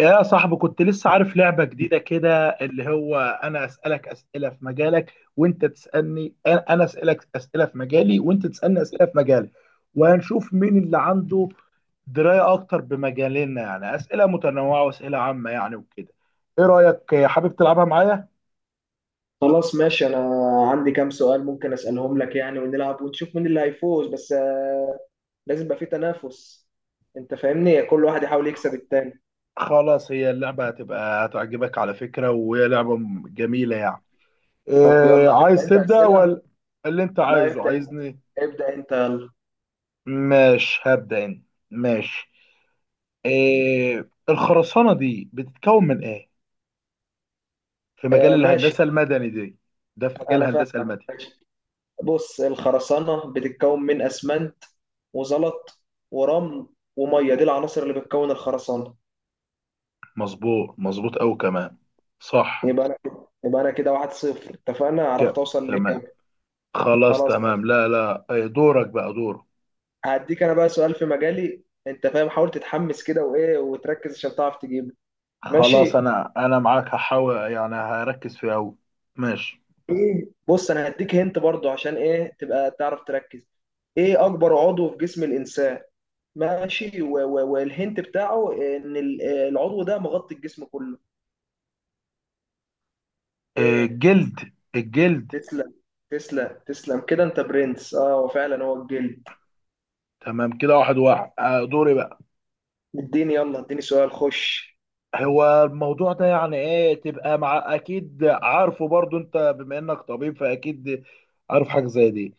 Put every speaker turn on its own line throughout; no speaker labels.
يا صاحبي كنت لسه عارف لعبة جديدة، كده اللي هو أنا أسألك أسئلة في مجالك وأنت تسألني، أنا أسألك أسئلة في مجالي وأنت تسألني أسئلة في مجالي. وهنشوف مين اللي عنده دراية أكتر بمجالنا، يعني أسئلة متنوعة وأسئلة عامة يعني وكده. إيه رأيك، حابب تلعبها معايا؟
خلاص، ماشي. انا عندي كام سؤال ممكن اسالهم لك يعني، ونلعب ونشوف مين اللي هيفوز. بس لازم يبقى في تنافس. انت فاهمني، كل واحد يحاول يكسب التاني.
خلاص، هي اللعبة هتبقى هتعجبك على فكرة، وهي لعبة جميلة يعني.
طب
إيه
يلا، هتبدا
عايز
انت
تبدأ
اسئله.
ولا اللي أنت
لا،
عايزه
ابدا انت،
عايزني؟
ابدا انت، يلا.
ماشي هبدأ أنا. ماشي. إيه الخرسانة دي بتتكون من ايه في مجال
آه ماشي،
الهندسة المدني دي؟ ده في مجال
انا
الهندسة
فاهمك.
المدني.
ماشي، بص، الخرسانه بتتكون من اسمنت، وزلط، ورمل، وميه. دي العناصر اللي بتكون الخرسانه.
مظبوط مظبوط أوي كمان، صح.
يبقى انا يبقى انا كده واحد صفر، اتفقنا، عرفت
كده
اوصل
تمام،
لاجابه.
خلاص
خلاص،
تمام، لا لا، دورك بقى دورك.
هديك انا بقى سؤال في مجالي. انت فاهم، حاول تتحمس كده وايه، وتركز عشان تعرف تجيبه.
خلاص
ماشي.
انا معاك، هحاول يعني هركز فيه أوي. ماشي.
ايه بص، انا هديك هنت برضو عشان ايه، تبقى تعرف تركز. ايه اكبر عضو في جسم الانسان؟ ماشي، والهنت بتاعه ان العضو ده مغطي الجسم كله.
إيه
ايه؟
الجلد الجلد.
تسلم، تسلم، تسلم، كده انت برنس. اه، وفعلا هو الجلد.
تمام كده، واحد واحد، آه، دوري بقى.
اديني يلا، اديني سؤال، خش.
هو الموضوع ده يعني ايه تبقى مع اكيد عارفه برضو انت، بما انك طبيب فاكيد عارف حاجة زي دي.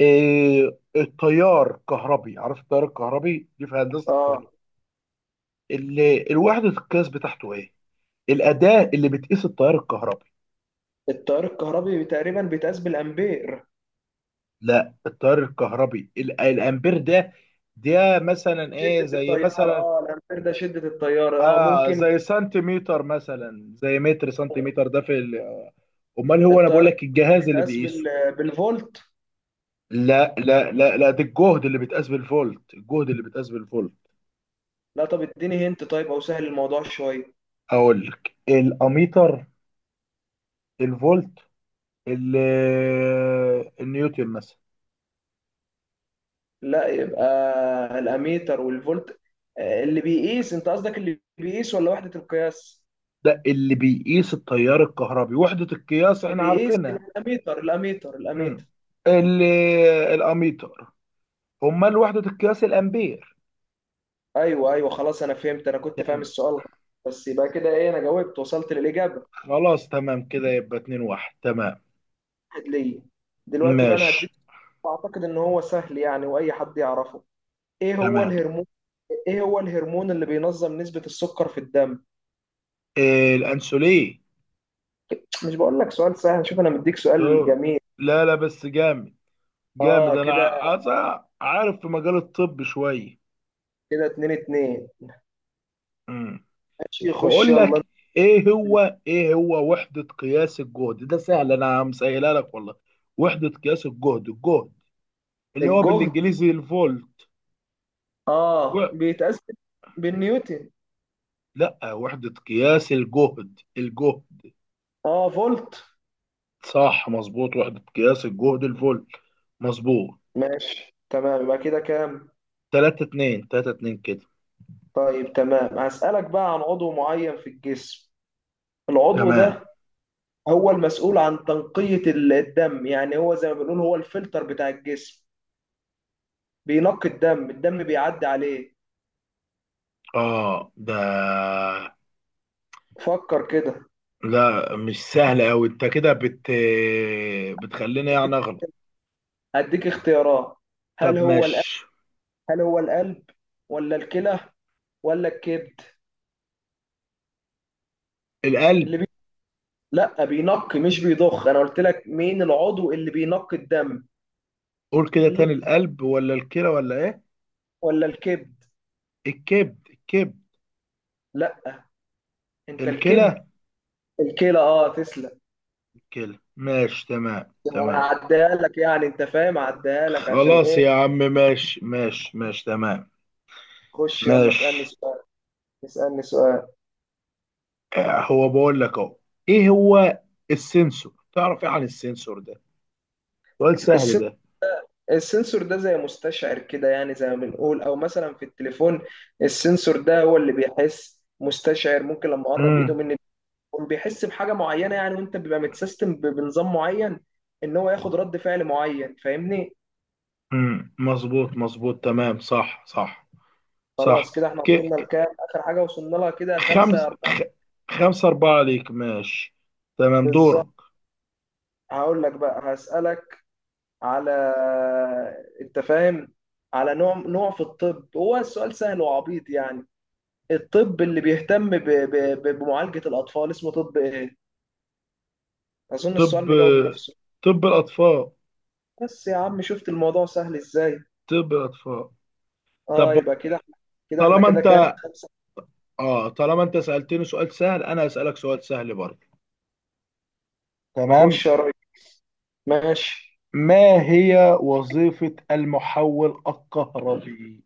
التيار الكهربي، عارف التيار الكهربي دي في هندسه
اه،
الكهرباء؟ الوحده القياس بتاعته ايه؟ الاداه اللي بتقيس التيار الكهربي.
التيار الكهربي تقريبا بيتقاس بالامبير.
لا، التيار الكهربي الامبير ده، ده مثلا ايه،
شدة
زي
التيار،
مثلا،
اه الامبير ده شدة التيار، اه
اه
ممكن
زي سنتيمتر مثلا، زي متر سنتيمتر، ده في امال هو انا بقول
التيار
لك الجهاز اللي
يتقاس
بيقيسه.
بالفولت.
لا لا لا لا، ده الجهد اللي بيتقاس بالفولت، الجهد اللي بيتقاس بالفولت.
لا طب اديني هنت، طيب، او سهل الموضوع شوية.
اقول لك الاميتر، الفولت، النيوتن مثلا.
لا يبقى الاميتر والفولت. اللي بيقيس، انت قصدك اللي بيقيس ولا وحدة القياس؟
ده اللي بيقيس التيار الكهربي، وحدة القياس
اللي
احنا
بيقيس
عارفينها.
يبقى الاميتر، الاميتر،
مم.
الاميتر.
الاميتر. امال وحدة القياس الامبير.
ايوه ايوه، خلاص انا فهمت، انا كنت فاهم
تمام،
السؤال غلط. بس يبقى كده ايه، انا جاوبت، وصلت للاجابة.
خلاص تمام كده، يبقى اتنين واحد، تمام.
واحد ليا. دلوقتي بقى انا
ماشي
هديك سؤال، اعتقد ان هو سهل يعني، واي حد يعرفه. ايه هو
تمام.
الهرمون ايه هو الهرمون اللي بينظم نسبة السكر في الدم؟
إيه الانسولين.
مش بقول لك سؤال سهل؟ شوف، انا مديك
سو
سؤال جميل.
لا لا، بس جامد،
اه
جامد. انا
كده،
عايز عارف في مجال الطب شوية.
كده اتنين اتنين.
مم.
ماشي، خش
بقول
يلا.
لك، ايه
انت.
هو ايه هو وحدة قياس الجهد، ده سهل انا مسهلها لك والله. وحدة قياس الجهد، الجهد اللي هو
الجهد
بالانجليزي الفولت و...
اه بيتقاس بالنيوتن.
لا، وحدة قياس الجهد، الجهد.
اه، فولت.
صح مظبوط، وحدة قياس الجهد الفولت، مظبوط.
ماشي تمام، يبقى كده كام؟
3 2، 3 2 كده.
طيب تمام، هسألك بقى عن عضو معين في الجسم. العضو
تمام.
ده هو المسؤول عن تنقية الدم، يعني هو زي ما بنقول هو الفلتر بتاع الجسم، بينقي الدم. الدم بيعدي عليه،
اه
فكر كده.
لا مش سهل قوي، انت كده بتخليني يعني اغلط.
هديك اختيارات.
طب
هل هو القلب
ماشي،
هل هو القلب، ولا الكلى، ولا الكبد؟
القلب.
اللي بي... لا بينقي، مش بيضخ، انا قلت لك مين العضو اللي بينقي الدم.
قول كده
الكلى
تاني، القلب ولا الكلى ولا ايه؟
ولا الكبد؟
الكبد الكبد.
لا، انت، الكبد؟
الكلى.
الكلى، اه، تسلم.
الكلى، ماشي تمام
انا
تمام.
هعديها لك يعني، انت فاهم، هعديها لك، عشان
خلاص
ايه.
يا عم، ماشي ماشي ماشي تمام.
خش يلا، اسالني
ماشي.
سؤال، اسالني سؤال.
آه، هو بقول لك اهو، ايه هو السنسور، تعرف ايه عن السنسور ده؟ سؤال سهل
السن...
ده.
السنسور ده زي مستشعر كده يعني، زي ما بنقول، او مثلا في التليفون السنسور ده هو اللي بيحس، مستشعر، ممكن لما اقرب ايده
امم.
مني هو بيحس بحاجه معينه يعني، وانت بيبقى متسيستم بنظام معين ان هو ياخد رد فعل معين، فاهمني.
مظبوط مظبوط تمام، صح صح صح.
خلاص، كده احنا
ك...
وصلنا
ك...
لكام؟ اخر حاجه وصلنا لها كده
خمس
خمسة أربعة.
خ... خمسة أربعة عليك، ماشي. تمام
بالظبط،
دورك.
هقول لك بقى، هسألك على، انت فاهم، على نوع في الطب، هو السؤال سهل وعبيط يعني، الطب اللي بيهتم بمعالجة الأطفال اسمه طب ايه؟ أظن
طب،
السؤال مجاوب نفسه.
طب الأطفال.
بس يا عم، شفت الموضوع سهل ازاي.
طب الأطفال.
اه،
طب.
يبقى كده احنا،
طالما
كده كام؟
انت
خمسة.
اه طالما انت سألتني سؤال سهل، انا هسألك سؤال سهل برضه. تمام.
خش يا ريس، ماشي.
ما هي وظيفة المحول الكهربي؟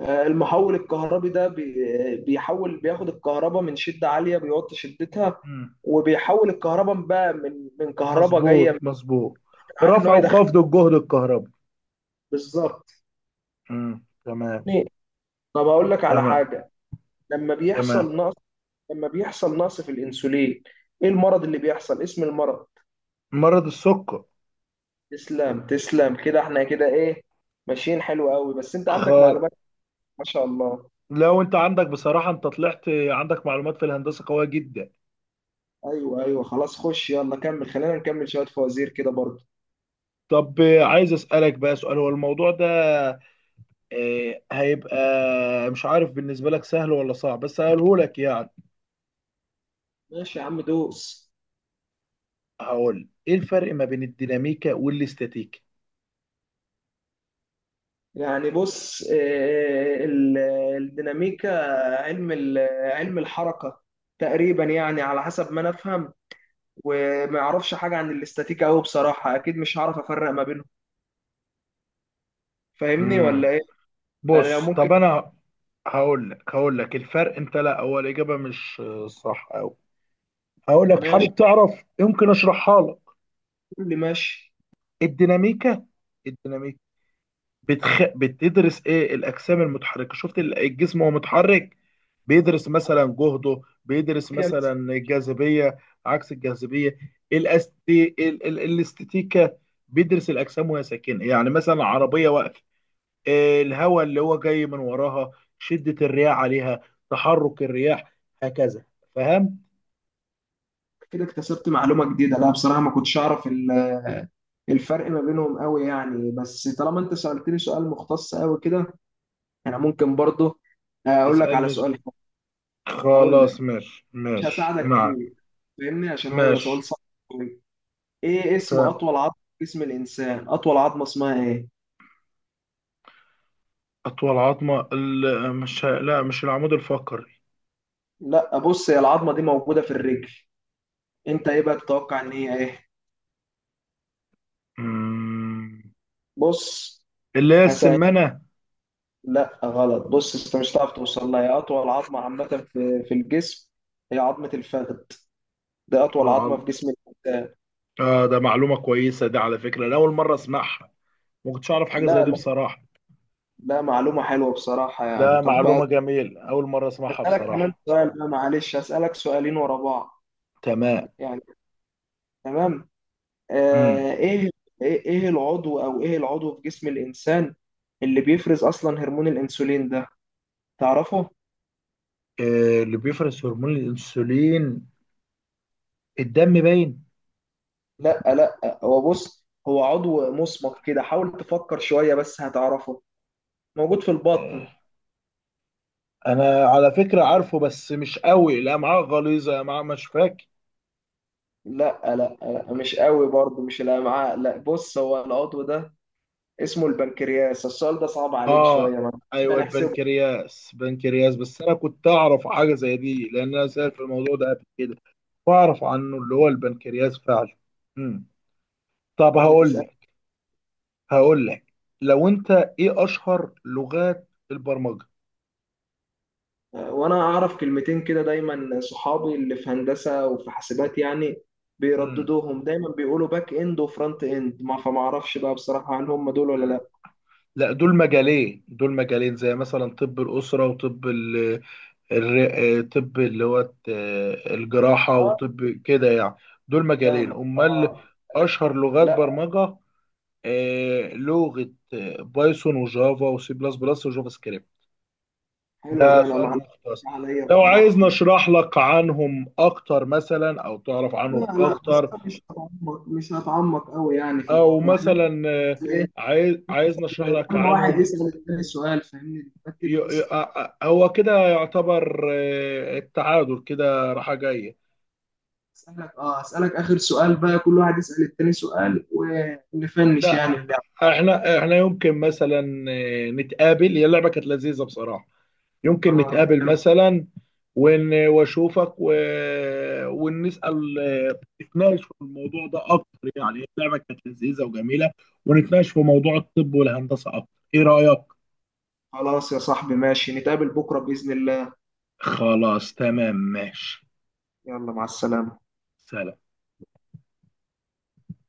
المحول الكهربي ده بيحول، بياخد الكهرباء من شدة عالية، بيوطي شدتها.
مم.
وبيحول الكهرباء بقى من كهرباء جاية
مظبوط
من
مظبوط.
عالي ان هو
رفع
يدخل.
وخفض الجهد الكهربي.
بالظبط
مم. تمام.
يعني، طب هقول لك على
تمام.
حاجة، لما
تمام.
بيحصل نقص لما بيحصل نقص في الانسولين، ايه المرض اللي بيحصل، اسم المرض؟
مرض السكر.
تسلم، تسلم، كده احنا كده ايه، ماشيين حلو قوي، بس انت عندك
خ...
معلومات، ما شاء الله.
لو انت عندك، بصراحة انت طلعت عندك معلومات في الهندسة قوية جدا.
ايوه ايوه، خلاص خش يلا، كمل، خلينا نكمل شوية فوازير كده برضه.
طب، عايز اسألك بقى سؤال، هو الموضوع ده هيبقى مش عارف بالنسبة لك سهل ولا صعب، بس هقوله لك يعني.
ماشي يا عم، دوس.
هقول ايه الفرق ما بين الديناميكا والاستاتيكا.
يعني بص، الديناميكا، علم ال- علم الحركة تقريبا، يعني على حسب ما انا افهم. وما اعرفش حاجة عن الاستاتيكا قوي بصراحة، اكيد مش هعرف افرق ما بينهم، فاهمني ولا
امم،
ايه؟ يعني لو
بص. طب
ممكن.
انا هقول لك الفرق. انت لا، اول اجابة مش صح أوي. هقول لك،
ماشي،
حابب تعرف يمكن اشرحها لك.
قول لي، ماشي.
الديناميكا، الديناميكا بتدرس ايه الاجسام المتحركه، شفت الجسم وهو متحرك. بيدرس مثلا جهده، بيدرس
كده
مثلا الجاذبيه، عكس الجاذبيه. الاستاتيكا بيدرس الاجسام وهي ساكنه، يعني مثلا العربيه واقفه، الهواء اللي هو جاي من وراها، شده الرياح عليها، تحرك الرياح، هكذا. فاهم؟
كده اكتسبت معلومة جديدة، لا بصراحة ما كنتش اعرف الفرق ما بينهم قوي يعني. بس طالما انت سألتني سؤال مختص قوي كده، انا ممكن برضه اقول لك على
اسالني
سؤال حلو. هقول لك،
خلاص ماشي
مش
ماشي
هساعدك
معك.
فيه، فاهمني، عشان هو يبقى سؤال
ماشي.
صعب أوي. ايه اسم
تمام.
اطول عظمه في جسم الانسان، اطول عظمه اسمها ايه؟
أطول عظمة ال- مش لا مش العمود الفقري.
لا بص، هي العظمه دي موجوده في الرجل، انت ايه بقى تتوقع ان هي ايه؟
مم.
بص
اللي هي
هسأل.
السمنة.
لا غلط، بص انت مش هتعرف توصل لها، هي اطول عظمه عامه في الجسم، هي عظمه الفخذ. دي اطول عظمه
اه.
في جسم الانسان.
آه، ده معلومة كويسة دي على فكرة، أنا أول مرة أسمعها. ما كنتش أعرف حاجة زي
لا
دي
لا،
بصراحة.
لا معلومه حلوه بصراحه يعني.
لا
طب بقى
معلومة جميل، أول مرة أسمعها
اسالك كمان
بصراحة.
سؤال، بقى معلش اسالك سؤالين ورا بعض
تمام.
يعني. تمام.
مم.
آه، ايه ايه العضو في جسم الانسان اللي بيفرز اصلا هرمون الانسولين ده، تعرفه؟
آه، اللي بيفرز هرمون الأنسولين الدم باين.
لا لا، هو بص، هو عضو مصمت كده، حاول تفكر شوية بس هتعرفه، موجود في
آه،
البطن.
أنا على فكرة عارفه بس مش قوي. لا معاه غليظة، لا معاه مش فاكر.
لا لا لا، مش قوي برضه، مش الامعاء، لا بص، هو العضو ده اسمه البنكرياس. السؤال ده صعب عليك
اه،
شوية، ما
ايوه
هنحسبه.
البنكرياس، بنكرياس. بس انا كنت اعرف حاجه زي دي لان انا سأل في الموضوع ده قبل كده، واعرف عنه اللي هو البنكرياس فعلا. امم. طب
طب ما
هقول
تسأل.
لك هقول لك لو انت... ايه اشهر لغات البرمجه؟
وانا اعرف كلمتين كده، دايما صحابي اللي في هندسه وفي حاسبات يعني
امم،
بيرددوهم، دايما بيقولوا باك اند وفرونت اند، ما فما اعرفش بقى بصراحه هل هم دول ولا لا.
لا، دول مجالين زي مثلا طب الأسرة وطب طب اللي هو الجراحة
اه،
وطب كده يعني. دول مجالين
فاهمك،
أمال.
اه،
أشهر لغات
لا.
برمجة، لغة، بايثون وجافا وسي بلس بلس وجافا سكريبت.
حلو
ده
ده، انا
سؤال
معلش
مختص.
عليا
لو عايز
بصراحه.
نشرح لك عنهم أكتر مثلا، أو تعرف عنهم
لا لا، بس
أكتر،
أنا مش هتعمق، قوي يعني في
أو
الموضوع احنا.
مثلا،
بس ايه،
عايز نشرح لك
كل واحد
عنهم.
يسال التاني سؤال فاهمني، بكتب بس ايه.
هو كده يعتبر، التعادل كده، راحة جاية.
اسالك، اخر سؤال بقى، كل واحد يسال التاني سؤال ونفنش يعني
لا،
اللعبه.
احنا يمكن مثلا نتقابل. هي اللعبة كانت لذيذة بصراحة. يمكن نتقابل
كانت.
مثلا واشوفك ونسأل، نتناقش في الموضوع ده اكتر، يعني اللعبه كانت لذيذه وجميله. ونتناقش في موضوع الطب والهندسه اكتر. ايه رأيك؟
خلاص يا صاحبي، ماشي، نتقابل بكرة بإذن الله.
خلاص تمام ماشي.
يلا، مع السلامة.
سلام.